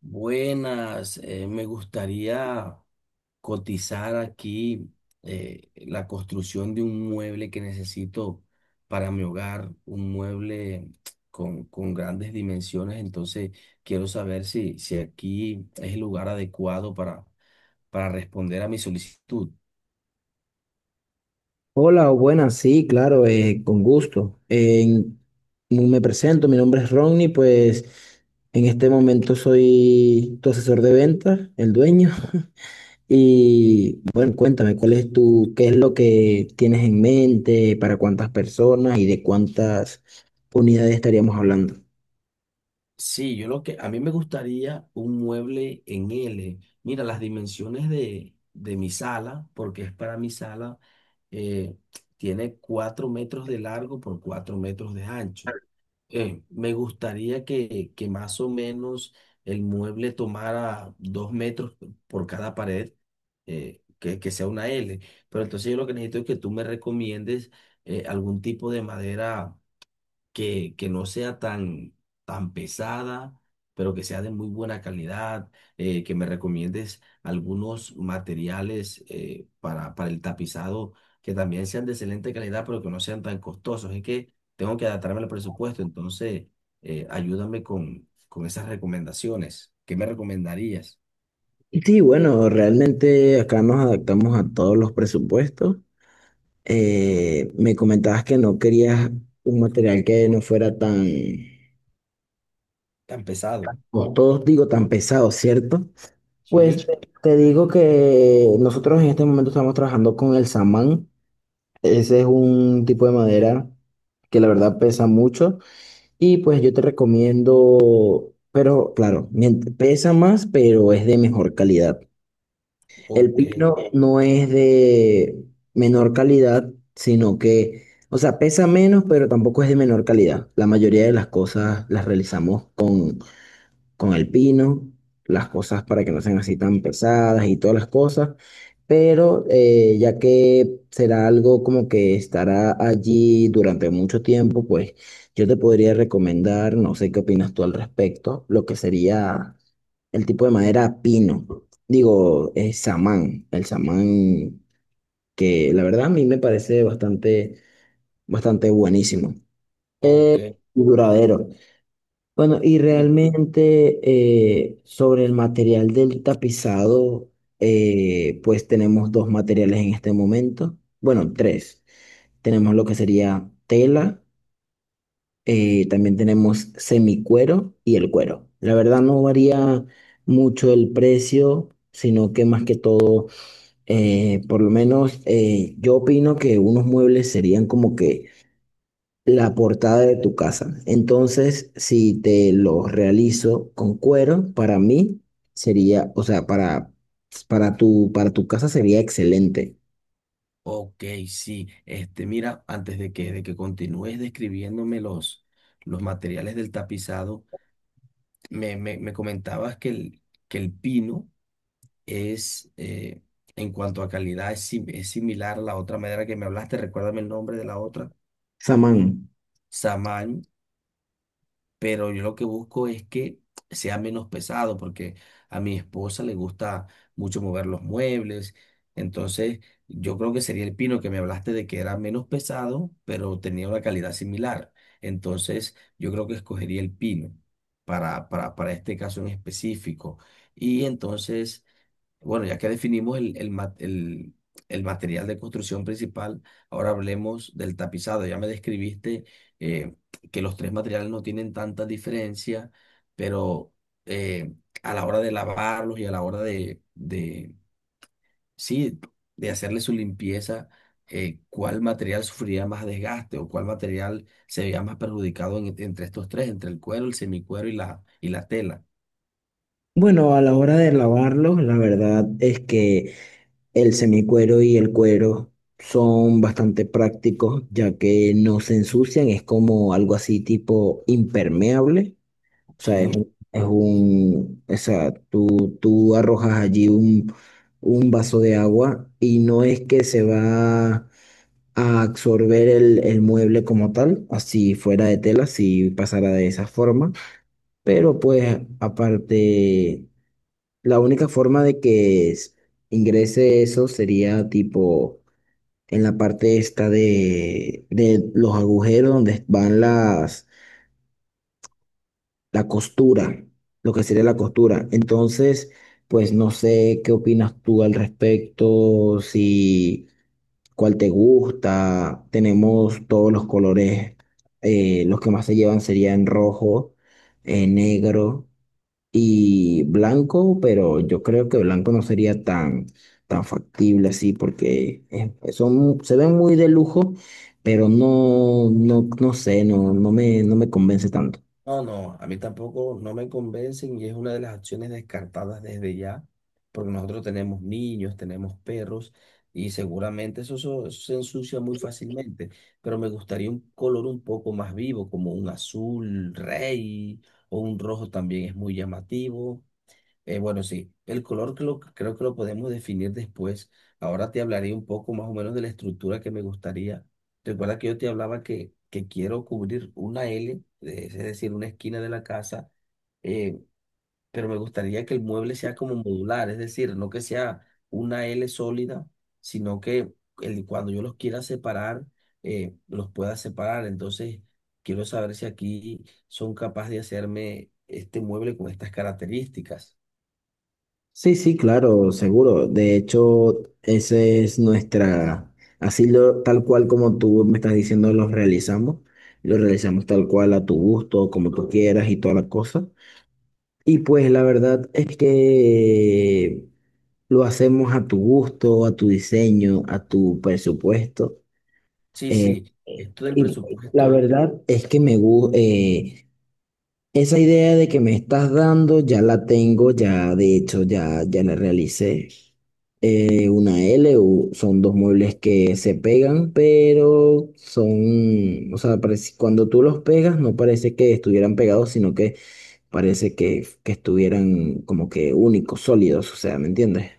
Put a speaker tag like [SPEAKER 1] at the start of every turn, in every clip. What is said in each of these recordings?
[SPEAKER 1] Buenas, me gustaría cotizar aquí la construcción de un mueble que necesito para mi hogar, un mueble con grandes dimensiones, entonces quiero saber si aquí es el lugar adecuado para responder a mi solicitud.
[SPEAKER 2] Hola, buenas, sí, claro, con gusto. Me presento, mi nombre es Ronnie, pues en este momento soy tu asesor de ventas, el dueño. Y bueno, cuéntame, ¿cuál es tu, qué es lo que tienes en mente, para cuántas personas y de cuántas unidades estaríamos hablando?
[SPEAKER 1] Sí, yo lo que a mí me gustaría un mueble en L. Mira, las dimensiones de mi sala, porque es para mi sala, eh, tiene 4 metros de largo por 4 metros de ancho. Me gustaría que más o menos el mueble tomara 2 metros por cada pared, que sea una L. Pero entonces yo lo que necesito es que tú me recomiendes algún tipo de madera que no sea tan pesada, pero que sea de muy buena calidad, que me recomiendes algunos materiales para el tapizado que también sean de excelente calidad, pero que no sean tan costosos. Es que tengo que adaptarme al presupuesto, entonces ayúdame con esas recomendaciones. ¿Qué me recomendarías?
[SPEAKER 2] Sí, bueno, realmente acá nos adaptamos a todos los presupuestos. Me comentabas que no querías un material que no fuera tan,
[SPEAKER 1] Tan pesado.
[SPEAKER 2] como todos digo, tan pesado, ¿cierto? Pues
[SPEAKER 1] Sí,
[SPEAKER 2] te digo que nosotros en este momento estamos trabajando con el samán. Ese es un tipo de madera que la verdad pesa mucho. Y pues yo te recomiendo, pero claro, pesa más, pero es de mejor calidad. El
[SPEAKER 1] ok,
[SPEAKER 2] pino no es de menor calidad, sino que, o sea, pesa menos, pero tampoco es de menor calidad. La mayoría de las cosas las realizamos con el pino, las cosas para que no sean así tan pesadas y todas las cosas, pero ya que será algo como que estará allí durante mucho tiempo, pues yo te podría recomendar, no sé qué opinas tú al respecto, lo que sería el tipo de madera pino, digo, samán, el samán, que la verdad a mí me parece bastante, bastante buenísimo. Eh,
[SPEAKER 1] ok.
[SPEAKER 2] y duradero. Bueno, y
[SPEAKER 1] Y
[SPEAKER 2] realmente sobre el material del tapizado, pues tenemos dos materiales en este momento. Bueno, tres. Tenemos lo que sería tela, también tenemos semicuero y el cuero. La verdad no varía mucho el precio, sino que más que todo, por lo menos yo opino que unos muebles serían como que la portada de tu casa. Entonces, si te lo realizo con cuero, para mí sería, o sea, para tu casa sería excelente.
[SPEAKER 1] ok, sí. Este, mira, antes de de que continúes describiéndome los materiales del tapizado, me comentabas que el pino es, en cuanto a calidad, es, es similar a la otra madera que me hablaste. Recuérdame el nombre de la otra.
[SPEAKER 2] Samán.
[SPEAKER 1] Pero yo lo que busco es que sea menos pesado, porque a mi esposa le gusta mucho mover los muebles, entonces yo creo que sería el pino que me hablaste de que era menos pesado, pero tenía una calidad similar, entonces yo creo que escogería el pino para este caso en específico, y entonces... Bueno, ya que definimos el material de construcción principal, ahora hablemos del tapizado. Ya me describiste eh, que los tres materiales no tienen tanta diferencia, pero eh, a la hora de lavarlos y a la hora de sí, de hacerle su limpieza, ¿cuál material sufriría más desgaste o cuál material se veía más perjudicado entre estos tres, entre el cuero, el semicuero y y la tela?
[SPEAKER 2] Bueno, a la hora de lavarlo, la verdad es que el semicuero y el cuero son bastante prácticos, ya que no se ensucian, es como algo así tipo impermeable. O sea,
[SPEAKER 1] Sí.
[SPEAKER 2] es un, o sea, tú arrojas allí un vaso de agua y no es que se va a absorber el mueble como tal, así fuera de tela, si pasara de esa forma. Pero pues aparte, la única forma de que ingrese eso sería tipo en la parte esta de los agujeros donde van las, la costura, lo que sería la costura. Entonces, pues no sé qué opinas tú al respecto, si cuál te gusta. Tenemos todos los colores, los que más se llevan serían rojo, negro y blanco, pero yo creo que blanco no sería tan, tan factible así porque pues, son, se ven muy de lujo, pero no, no, no sé, no, no me, no me convence tanto.
[SPEAKER 1] No, no, a mí tampoco no me convencen y es una de las acciones descartadas desde ya, porque nosotros tenemos niños, tenemos perros y seguramente eso se ensucia muy fácilmente, pero me gustaría un color un poco más vivo, como un azul rey o un rojo también es muy llamativo, bueno, sí, el color que creo que lo podemos definir después. Ahora te hablaré un poco más o menos de la estructura que me gustaría. Recuerda que yo te hablaba que quiero cubrir una L, es decir, una esquina de la casa, eh, pero me gustaría que el mueble sea como modular, es decir, no que sea una L sólida, sino que cuando yo los quiera separar, los pueda separar. Entonces, quiero saber si aquí son capaces de hacerme este mueble con estas características.
[SPEAKER 2] Sí, sí, claro, seguro. De hecho, esa es nuestra, así lo, tal cual como tú me estás diciendo, los realizamos. Lo realizamos tal cual a tu gusto, como tú quieras y toda la cosa. Y pues la verdad es que lo hacemos a tu gusto, a tu diseño, a tu presupuesto.
[SPEAKER 1] Sí, sí, esto del
[SPEAKER 2] Y la
[SPEAKER 1] presupuesto,
[SPEAKER 2] verdad es que me gusta. Esa idea de que me estás dando ya la tengo, ya de hecho ya, ya la realicé. Una L, son dos muebles que se pegan, pero son, o sea, cuando tú los pegas no parece que estuvieran pegados, sino que parece que estuvieran como que únicos, sólidos, o sea, ¿me entiendes?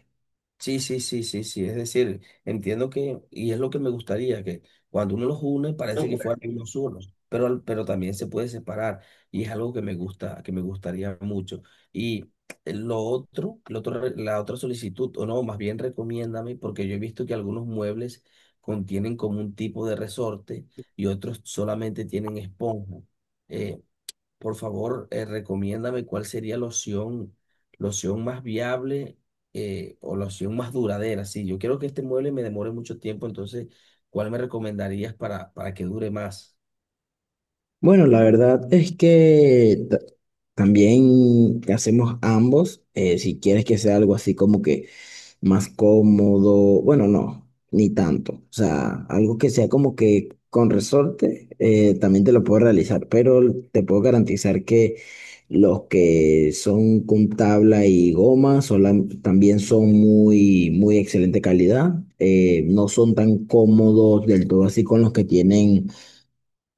[SPEAKER 1] sí, sí, sí, sí, sí, es decir, entiendo que, y es lo que me gustaría, que cuando uno los une parece que fueran uno solo, pero, pero también se puede separar, y es algo que me gusta, que me gustaría mucho. Y lo otro, la otra solicitud, o no, más bien recomiéndame, porque yo he visto que algunos muebles contienen como un tipo de resorte y otros solamente tienen esponja. Eh, Por favor, recomiéndame cuál sería la opción más viable, o la opción más duradera. Sí, yo quiero que este mueble me demore mucho tiempo, entonces, ¿cuál me recomendarías para que dure más?
[SPEAKER 2] Bueno, la verdad es que también hacemos ambos. Si quieres que sea algo así como que más cómodo, bueno, no, ni tanto. O sea, algo que sea como que con resorte, también te lo puedo realizar, pero te puedo garantizar que los que son con tabla y goma también son muy, muy excelente calidad. No son tan cómodos del todo así con los que tienen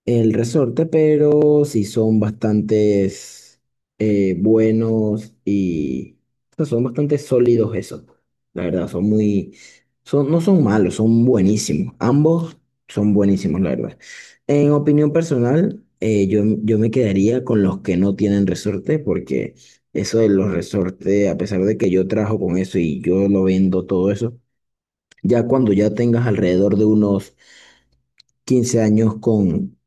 [SPEAKER 2] el resorte, pero sí son bastantes, buenos y, o sea, son bastante sólidos esos. Pues, la verdad, son muy, son, no son malos, son buenísimos. Ambos son buenísimos, la verdad. En opinión personal, yo, yo me quedaría con los que no tienen resorte, porque eso de los resortes, a pesar de que yo trabajo con eso y yo lo vendo todo eso, ya cuando ya tengas alrededor de unos 15 años con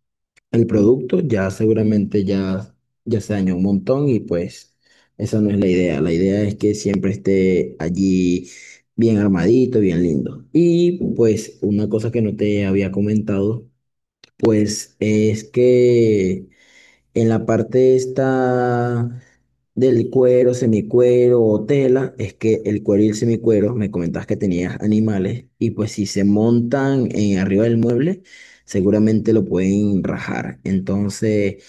[SPEAKER 2] el producto, ya seguramente ya, ya se dañó un montón y pues esa no es la idea. La idea es que siempre esté allí bien armadito, bien lindo. Y pues una cosa que no te había comentado, pues es que en la parte esta del cuero, semicuero o tela, es que el cuero y el semicuero, me comentabas que tenías animales, y pues si se montan en arriba del mueble, seguramente lo pueden rajar. Entonces,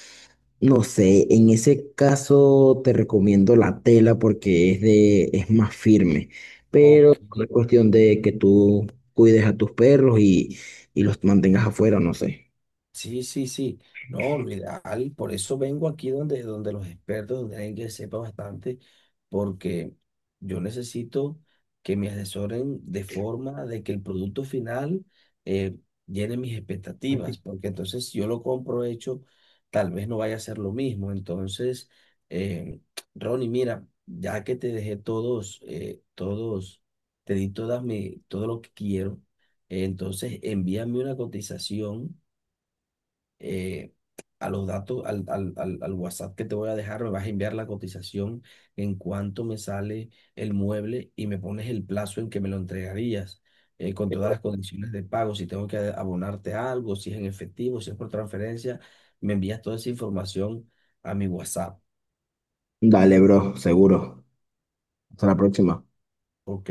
[SPEAKER 2] no sé, en ese caso te recomiendo la tela porque es de, es más firme, pero es cuestión de que tú cuides a tus perros y los mantengas afuera, no sé.
[SPEAKER 1] Sí, sí, sí. No, lo ideal, por eso vengo aquí donde los expertos, donde alguien que sepa bastante, porque yo necesito que me asesoren de forma de que el producto final eh, llene mis expectativas, porque entonces si yo lo compro hecho, tal vez no vaya a ser lo mismo. Entonces, eh, Ronnie, mira, ya que te dejé todos, te di todas mi, todo lo que quiero, entonces envíame una cotización eh, a los datos, al, al, al, al WhatsApp que te voy a dejar, me vas a enviar la cotización en cuánto me sale el mueble y me pones el plazo en que me lo entregarías, con todas las condiciones de pago, si tengo que abonarte algo, si es en efectivo, si es por transferencia, me envías toda esa información a mi WhatsApp.
[SPEAKER 2] Dale, bro, seguro. Hasta la próxima.
[SPEAKER 1] Ok.